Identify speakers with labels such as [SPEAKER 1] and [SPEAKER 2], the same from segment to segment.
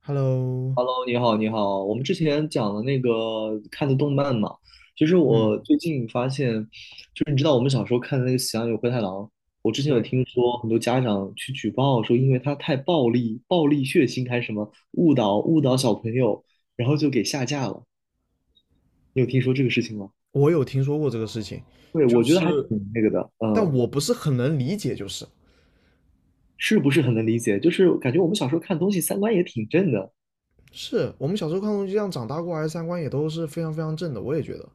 [SPEAKER 1] Hello，
[SPEAKER 2] 你好，你好。我们之前讲了那个看的动漫嘛，其实
[SPEAKER 1] 嗯，
[SPEAKER 2] 我最近发现，就是你知道我们小时候看的那个《喜羊羊与灰太狼》，我之前有
[SPEAKER 1] 对，
[SPEAKER 2] 听说很多家长去举报说，因为它太暴力、暴力血腥还是什么误导小朋友，然后就给下架了。你有听说这个事情吗？
[SPEAKER 1] 我有听说过这个事情，
[SPEAKER 2] 对，
[SPEAKER 1] 就
[SPEAKER 2] 我觉得还
[SPEAKER 1] 是，
[SPEAKER 2] 挺那个的，嗯，
[SPEAKER 1] 但我不是很能理解，就是，
[SPEAKER 2] 是不是很能理解？就是感觉我们小时候看东西三观也挺正的，
[SPEAKER 1] 是我们小时候看东西这样长大过来，三观也都是非常非常正的，我也觉得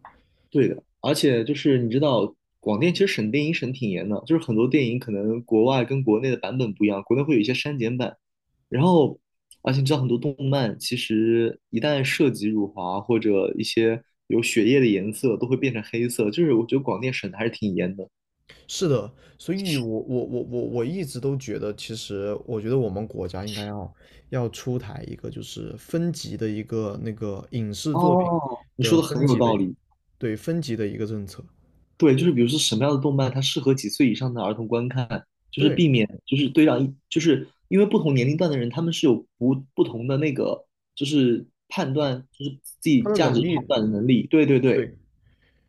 [SPEAKER 2] 对的，而且就是你知道，广电其实审电影审挺严的，就是很多电影可能国外跟国内的版本不一样，国内会有一些删减版，然后而且你知道很多动漫其实一旦涉及辱华或者一些有血液的颜色，都会变成黑色，就是我觉得广电审的还是挺严的。
[SPEAKER 1] 是的，所以我一直都觉得，其实我觉得我们国家应该要出台一个就是分级的一个那个影视作品
[SPEAKER 2] 哦，你
[SPEAKER 1] 的
[SPEAKER 2] 说的很
[SPEAKER 1] 分
[SPEAKER 2] 有
[SPEAKER 1] 级的
[SPEAKER 2] 道
[SPEAKER 1] 一
[SPEAKER 2] 理。
[SPEAKER 1] 对分级的一个政策，
[SPEAKER 2] 对，就是比如说什么样的动漫它适合几岁以上的儿童观看，就是
[SPEAKER 1] 对，
[SPEAKER 2] 避免就是对让一就是因为不同年龄段的人他们是有不同的那个就是判断就是自己
[SPEAKER 1] 他的
[SPEAKER 2] 价
[SPEAKER 1] 能
[SPEAKER 2] 值判
[SPEAKER 1] 力，
[SPEAKER 2] 断的能力。对对对，
[SPEAKER 1] 对，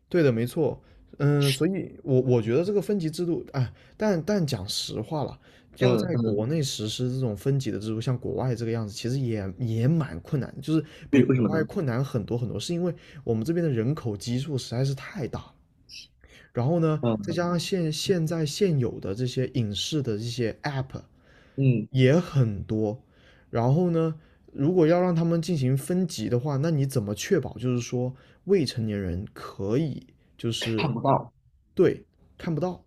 [SPEAKER 1] 对的，没错，嗯，所以我觉得这个分级制度，哎，但讲实话了，要
[SPEAKER 2] 嗯
[SPEAKER 1] 在
[SPEAKER 2] 嗯，
[SPEAKER 1] 国内实施这种分级的制度，像国外这个样子，其实也蛮困难的就是比
[SPEAKER 2] 为为什
[SPEAKER 1] 国
[SPEAKER 2] 么
[SPEAKER 1] 外
[SPEAKER 2] 呢？
[SPEAKER 1] 困难很多很多，是因为我们这边的人口基数实在是太大了然后呢，再加
[SPEAKER 2] 嗯
[SPEAKER 1] 上现有的这些影视的这些 app
[SPEAKER 2] 嗯，
[SPEAKER 1] 也很多，然后呢，如果要让他们进行分级的话，那你怎么确保就是说未成年人可以就
[SPEAKER 2] 看
[SPEAKER 1] 是
[SPEAKER 2] 不到。
[SPEAKER 1] 对看不到？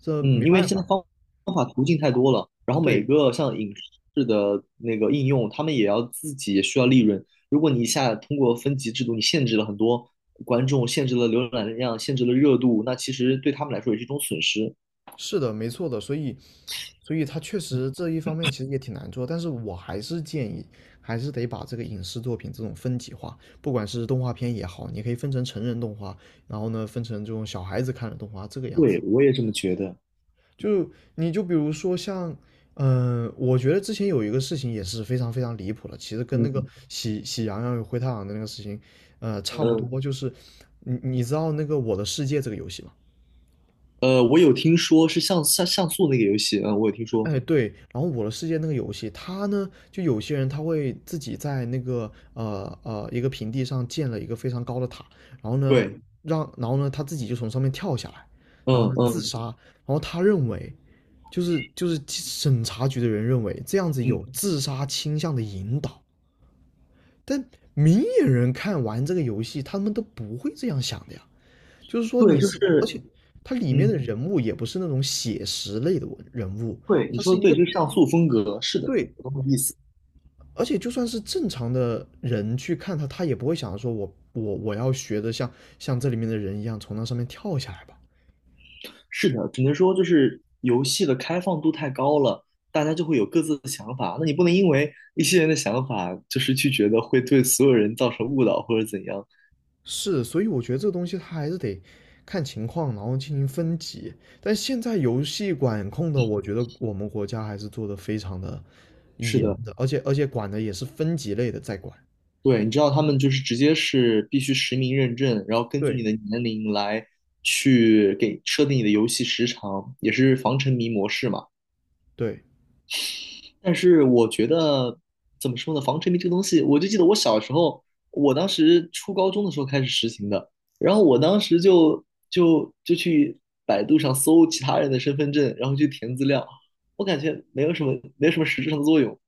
[SPEAKER 1] 这
[SPEAKER 2] 嗯，
[SPEAKER 1] 没
[SPEAKER 2] 因为
[SPEAKER 1] 办
[SPEAKER 2] 现在
[SPEAKER 1] 法，
[SPEAKER 2] 方方法途径太多了，然后每
[SPEAKER 1] 对，
[SPEAKER 2] 个像影视的那个应用，他们也要自己也需要利润。如果你一下通过分级制度，你限制了很多观众，限制了浏览量，限制了热度，那其实对他们来说也是一种损失。
[SPEAKER 1] 是的，没错的，所以他确实这一方面其实也挺难做，但是我还是建议，还是得把这个影视作品这种分级化，不管是动画片也好，你可以分成成人动画，然后呢，分成这种小孩子看的动画，这个样子。
[SPEAKER 2] 对，我也这么觉得。
[SPEAKER 1] 就你就比如说像，我觉得之前有一个事情也是非常非常离谱的，其实跟那个
[SPEAKER 2] 嗯，
[SPEAKER 1] 喜羊羊与灰太狼的那个事情，差不
[SPEAKER 2] 嗯，
[SPEAKER 1] 多，就是你知道那个《我的世界》这个游戏吗？
[SPEAKER 2] 我有听说是像像素那个游戏，嗯，我有听说。
[SPEAKER 1] 哎，对，然后《我的世界》那个游戏，它呢，就有些人他会自己在那个一个平地上建了一个非常高的塔，然后呢，
[SPEAKER 2] 对，
[SPEAKER 1] 然后呢他自己就从上面跳下来，然后
[SPEAKER 2] 嗯
[SPEAKER 1] 呢自
[SPEAKER 2] 嗯
[SPEAKER 1] 杀，然后他认为，就是审查局的人认为这样子
[SPEAKER 2] 嗯，
[SPEAKER 1] 有自杀倾向的引导，但明眼人看完这个游戏，他们都不会这样想的呀，就是说
[SPEAKER 2] 对，
[SPEAKER 1] 你
[SPEAKER 2] 就
[SPEAKER 1] 是，而
[SPEAKER 2] 是，
[SPEAKER 1] 且它里面
[SPEAKER 2] 嗯，
[SPEAKER 1] 的人物也不是那种写实类的文人物，
[SPEAKER 2] 对，你
[SPEAKER 1] 它
[SPEAKER 2] 说
[SPEAKER 1] 是
[SPEAKER 2] 的
[SPEAKER 1] 一
[SPEAKER 2] 对，
[SPEAKER 1] 个。
[SPEAKER 2] 就是像素风格，是的，
[SPEAKER 1] 对，
[SPEAKER 2] 我懂你意思。
[SPEAKER 1] 而且就算是正常的人去看他，他也不会想着说我要学的像这里面的人一样从那上面跳下来吧。
[SPEAKER 2] 是的，只能说就是游戏的开放度太高了，大家就会有各自的想法。那你不能因为一些人的想法，就是去觉得会对所有人造成误导或者怎样。
[SPEAKER 1] 是，所以我觉得这个东西它还是得看情况，然后进行分级。但现在游戏管控的，我觉得我们国家还是做的非常的
[SPEAKER 2] 是
[SPEAKER 1] 严
[SPEAKER 2] 的，
[SPEAKER 1] 的，而且管的也是分级类的在管。
[SPEAKER 2] 对，你知道他们就是直接是必须实名认证，然后根据你
[SPEAKER 1] 对
[SPEAKER 2] 的年龄来去给设定你的游戏时长，也是防沉迷模式嘛。
[SPEAKER 1] 对，
[SPEAKER 2] 但是我觉得怎么说呢，防沉迷这个东西，我就记得我小时候，我当时初高中的时候开始实行的，然后我当时就就去百度上搜其他人的身份证，然后去填资料，我感觉没有什么实质上的作用。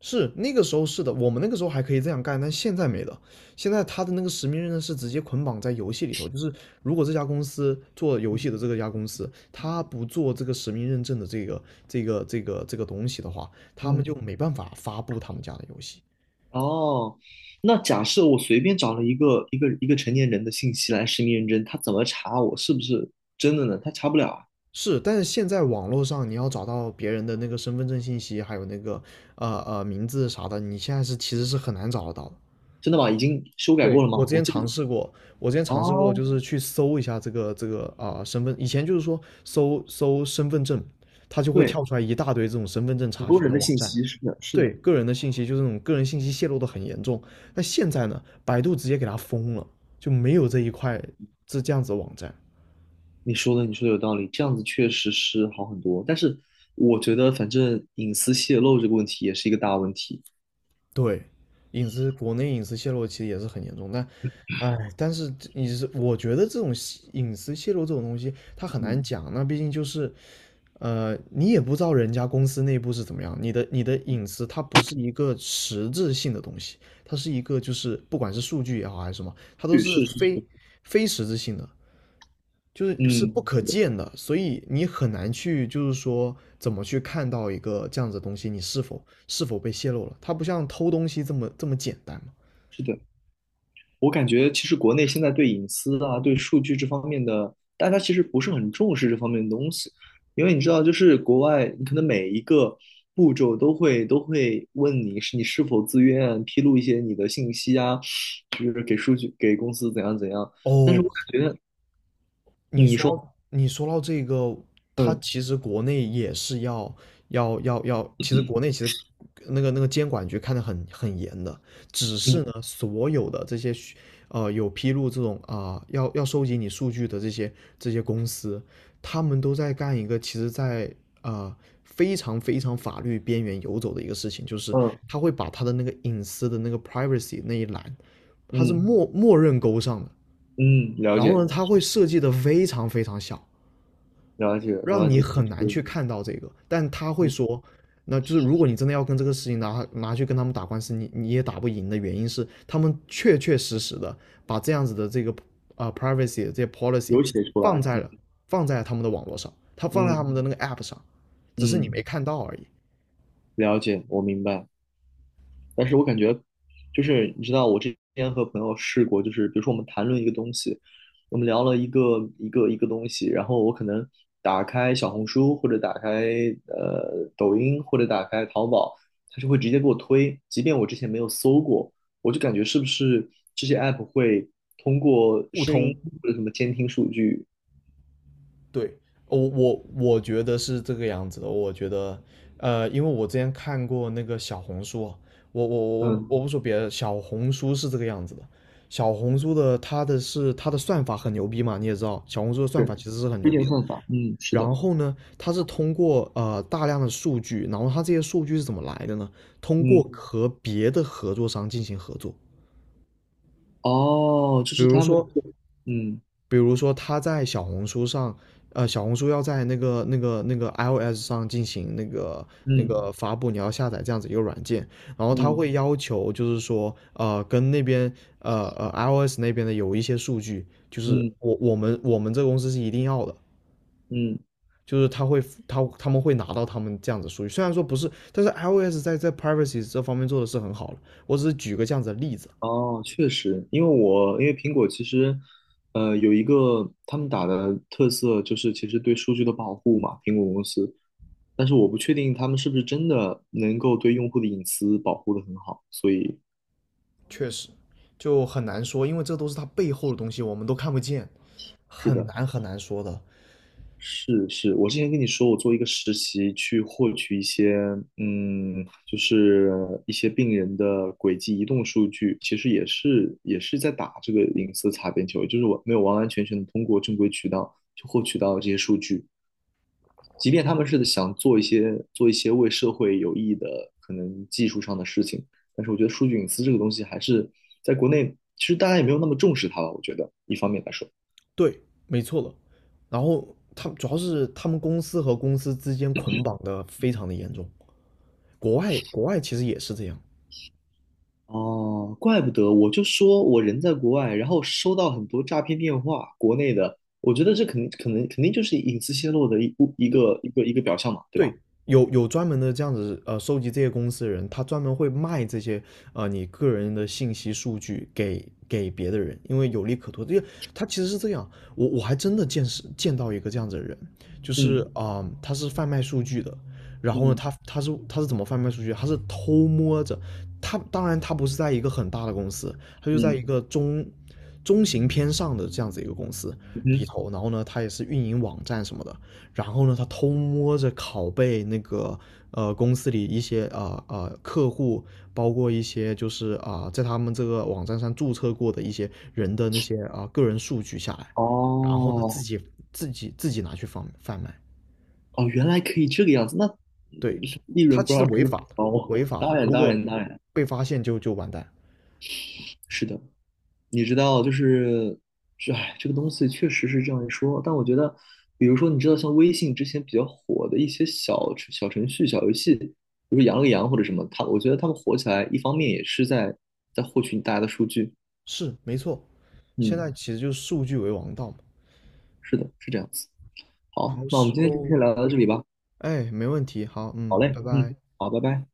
[SPEAKER 1] 是那个时候是的，我们那个时候还可以这样干，但现在没了。现在他的那个实名认证是直接捆绑在游戏里头，就是如果这家公司做游
[SPEAKER 2] 嗯
[SPEAKER 1] 戏的这个家公司，他不做这个实名认证的这个东西的话，他们
[SPEAKER 2] 嗯，
[SPEAKER 1] 就没办法发布他们家的游戏。
[SPEAKER 2] 哦，那假设我随便找了一个成年人的信息来实名认证，他怎么查我是不是真的呢？他查不了啊，
[SPEAKER 1] 是，但是现在网络上你要找到别人的那个身份证信息，还有那个名字啥的，你现在是其实是很难找得到的。
[SPEAKER 2] 真的吗？已经修改
[SPEAKER 1] 对，
[SPEAKER 2] 过了吗？
[SPEAKER 1] 我之
[SPEAKER 2] 我
[SPEAKER 1] 前
[SPEAKER 2] 记得，
[SPEAKER 1] 尝试过，我之前尝试过，就
[SPEAKER 2] 哦，
[SPEAKER 1] 是去搜一下这个啊、身份，以前就是说搜身份证，它就会
[SPEAKER 2] 对，
[SPEAKER 1] 跳出来一大堆这种身份证
[SPEAKER 2] 很
[SPEAKER 1] 查
[SPEAKER 2] 多
[SPEAKER 1] 询
[SPEAKER 2] 人
[SPEAKER 1] 的
[SPEAKER 2] 的
[SPEAKER 1] 网
[SPEAKER 2] 信
[SPEAKER 1] 站，
[SPEAKER 2] 息，是的，是的。
[SPEAKER 1] 对个人的信息就这种个人信息泄露的很严重。那现在呢，百度直接给它封了，就没有这一块这样子的网站。
[SPEAKER 2] 你说的，你说的有道理，这样子确实是好很多。但是我觉得，反正隐私泄露这个问题也是一个大问题。
[SPEAKER 1] 对，国内隐私泄露其实也是很严重，哎，但是我觉得这种隐私泄露这种东西，它很
[SPEAKER 2] 嗯，
[SPEAKER 1] 难讲。那毕竟就是你也不知道人家公司内部是怎么样，你的隐私它不是一个实质性的东西，它是一个就是不管是数据也好还是什么，它都
[SPEAKER 2] 对，
[SPEAKER 1] 是
[SPEAKER 2] 是是
[SPEAKER 1] 非
[SPEAKER 2] 是，
[SPEAKER 1] 非实质性的，就是是
[SPEAKER 2] 嗯，
[SPEAKER 1] 不可见的，所以你很难去就是说怎么去看到一个这样子的东西，你是否被泄露了，它不像偷东西这么简单嘛。
[SPEAKER 2] 是的。我感觉其实国内现在对隐私啊、对数据这方面的，大家其实不是很重视这方面的东西，因为你知道，就是国外，你可能每一个步骤都会问你你是否自愿披露一些你的信息啊，就是给数据给公司怎样怎样。但是
[SPEAKER 1] 哦，
[SPEAKER 2] 我感觉，
[SPEAKER 1] 你
[SPEAKER 2] 嗯你
[SPEAKER 1] 说
[SPEAKER 2] 说，
[SPEAKER 1] 你说到这个，他
[SPEAKER 2] 嗯
[SPEAKER 1] 其实国内也是要，其实国内其实那个监管局看得很严的，只是呢，
[SPEAKER 2] 嗯
[SPEAKER 1] 所有的这些有披露这种啊、要收集你数据的这些公司，他们都在干一个其实在呃非常非常法律边缘游走的一个事情，就是
[SPEAKER 2] 嗯。
[SPEAKER 1] 他会把他的那个隐私的那个 privacy 那一栏，他是
[SPEAKER 2] 嗯
[SPEAKER 1] 默认勾上的。
[SPEAKER 2] 嗯，了
[SPEAKER 1] 然后呢，
[SPEAKER 2] 解
[SPEAKER 1] 他会设计的非常非常小，
[SPEAKER 2] 了解
[SPEAKER 1] 让
[SPEAKER 2] 了
[SPEAKER 1] 你
[SPEAKER 2] 解，就
[SPEAKER 1] 很难
[SPEAKER 2] 是
[SPEAKER 1] 去看到这个。但他会
[SPEAKER 2] 嗯，
[SPEAKER 1] 说，那就是如果你真的要跟这个事情拿去跟他们打官司，你也打不赢的原因是，他们确确实实的把这样子的这个privacy 的这些 policy
[SPEAKER 2] 有写出
[SPEAKER 1] 放
[SPEAKER 2] 来，
[SPEAKER 1] 在了放在了他们的网络上，他放在他
[SPEAKER 2] 嗯
[SPEAKER 1] 们的那个 app 上，只是你
[SPEAKER 2] 嗯，
[SPEAKER 1] 没看到而已。
[SPEAKER 2] 了解，我明白。但是我感觉，就是你知道，我之前和朋友试过，就是比如说我们谈论一个东西，我们聊了一个东西，然后我可能打开小红书或者打开抖音或者打开淘宝，它就会直接给我推，即便我之前没有搜过，我就感觉是不是这些 app 会通过
[SPEAKER 1] 互
[SPEAKER 2] 声
[SPEAKER 1] 通
[SPEAKER 2] 音或者什么监听数据。
[SPEAKER 1] 对，我觉得是这个样子的。我觉得，因为我之前看过那个小红书啊我我我
[SPEAKER 2] 嗯，
[SPEAKER 1] 我不说别的，小红书是这个样子的。小红书的它的是它的算法很牛逼嘛，你也知道，小红书的算法
[SPEAKER 2] 是
[SPEAKER 1] 其实是很
[SPEAKER 2] 推
[SPEAKER 1] 牛逼
[SPEAKER 2] 荐
[SPEAKER 1] 的。
[SPEAKER 2] 算法，嗯，是的，
[SPEAKER 1] 然后呢，它是通过大量的数据，然后它这些数据是怎么来的呢？通过
[SPEAKER 2] 嗯，
[SPEAKER 1] 和别的合作商进行合作，
[SPEAKER 2] 哦，这
[SPEAKER 1] 比
[SPEAKER 2] 是
[SPEAKER 1] 如
[SPEAKER 2] 他们
[SPEAKER 1] 说
[SPEAKER 2] 的嗯
[SPEAKER 1] 比如说他在小红书上，呃，小红书要在那个 iOS 上进行那
[SPEAKER 2] 嗯
[SPEAKER 1] 个发布，你要下载这样子一个软件，然后他
[SPEAKER 2] 嗯
[SPEAKER 1] 会要求就是说，跟那边呃呃 iOS 那边的有一些数据，就是
[SPEAKER 2] 嗯
[SPEAKER 1] 我们这个公司是一定要的，
[SPEAKER 2] 嗯，
[SPEAKER 1] 就是他们会拿到他们这样子数据，虽然说不是，但是 iOS 在 privacy 这方面做的是很好了，我只是举个这样子的例子啊。
[SPEAKER 2] 哦，确实，因为苹果其实，有一个他们打的特色就是其实对数据的保护嘛，苹果公司，但是我不确定他们是不是真的能够对用户的隐私保护的很好，所以。
[SPEAKER 1] 确实就很难说，因为这都是他背后的东西，我们都看不见，
[SPEAKER 2] 是
[SPEAKER 1] 很
[SPEAKER 2] 的。
[SPEAKER 1] 难很难说的。
[SPEAKER 2] 是是，我之前跟你说，我做一个实习去获取一些，嗯，就是一些病人的轨迹移动数据，其实也是在打这个隐私擦边球，就是我没有完完全全的通过正规渠道去获取到这些数据，即便他们是想做一些为社会有益的可能技术上的事情，但是我觉得数据隐私这个东西还是在国内，其实大家也没有那么重视它吧，我觉得一方面来说。
[SPEAKER 1] 对，没错了。然后他们主要是他们公司和公司之间捆绑的非常的严重，国外其实也是这样。
[SPEAKER 2] 哦，怪不得，我就说我人在国外，然后收到很多诈骗电话，国内的，我觉得这肯可能肯定就是隐私泄露的一部一
[SPEAKER 1] 对，
[SPEAKER 2] 个一个一个表象嘛，对吧？
[SPEAKER 1] 对，有专门的这样子，收集这些公司的人，他专门会卖这些，你个人的信息数据给别的人，因为有利可图。这个他其实是这样，我还真的见到一个这样子的人，就是
[SPEAKER 2] 嗯
[SPEAKER 1] 啊、他是贩卖数据的，然后呢，
[SPEAKER 2] 嗯
[SPEAKER 1] 他是怎么贩卖数据？他是偷摸着，他当然不是在一个很大的公司，他就在一
[SPEAKER 2] 嗯
[SPEAKER 1] 个中型偏上的这样子一个公司里
[SPEAKER 2] 嗯，
[SPEAKER 1] 头，然后呢，他也是运营网站什么的。然后呢，他偷摸着拷贝那个公司里一些客户，包括一些就是在他们这个网站上注册过的一些人的那些个人数据下来，然后呢自
[SPEAKER 2] 哦
[SPEAKER 1] 己自己自己拿去贩卖，
[SPEAKER 2] 哦，原来可以这个样子，那
[SPEAKER 1] 对，
[SPEAKER 2] 利
[SPEAKER 1] 他
[SPEAKER 2] 润不
[SPEAKER 1] 其
[SPEAKER 2] 知
[SPEAKER 1] 实
[SPEAKER 2] 道是
[SPEAKER 1] 违
[SPEAKER 2] 不是
[SPEAKER 1] 法的，
[SPEAKER 2] 高？
[SPEAKER 1] 违法
[SPEAKER 2] 当
[SPEAKER 1] 的，
[SPEAKER 2] 然
[SPEAKER 1] 如
[SPEAKER 2] 当
[SPEAKER 1] 果
[SPEAKER 2] 然当然，
[SPEAKER 1] 被发现就完蛋，
[SPEAKER 2] 是的，你知道，就是这，哎，这个东西确实是这样一说。但我觉得，比如说，你知道，像微信之前比较火的一些小程序、小游戏，比如羊了个羊或者什么，它，我觉得他们火起来，一方面也是在获取大家的数据。
[SPEAKER 1] 是没错，现
[SPEAKER 2] 嗯，
[SPEAKER 1] 在其实就是数据为王道嘛，
[SPEAKER 2] 是的，是这样子。好，
[SPEAKER 1] 好
[SPEAKER 2] 那我
[SPEAKER 1] 时
[SPEAKER 2] 们今天就
[SPEAKER 1] 候，
[SPEAKER 2] 先聊到这里吧。
[SPEAKER 1] 哎，没问题，好，
[SPEAKER 2] 好
[SPEAKER 1] 嗯，
[SPEAKER 2] 嘞，
[SPEAKER 1] 拜
[SPEAKER 2] 嗯，
[SPEAKER 1] 拜。
[SPEAKER 2] 好，拜拜。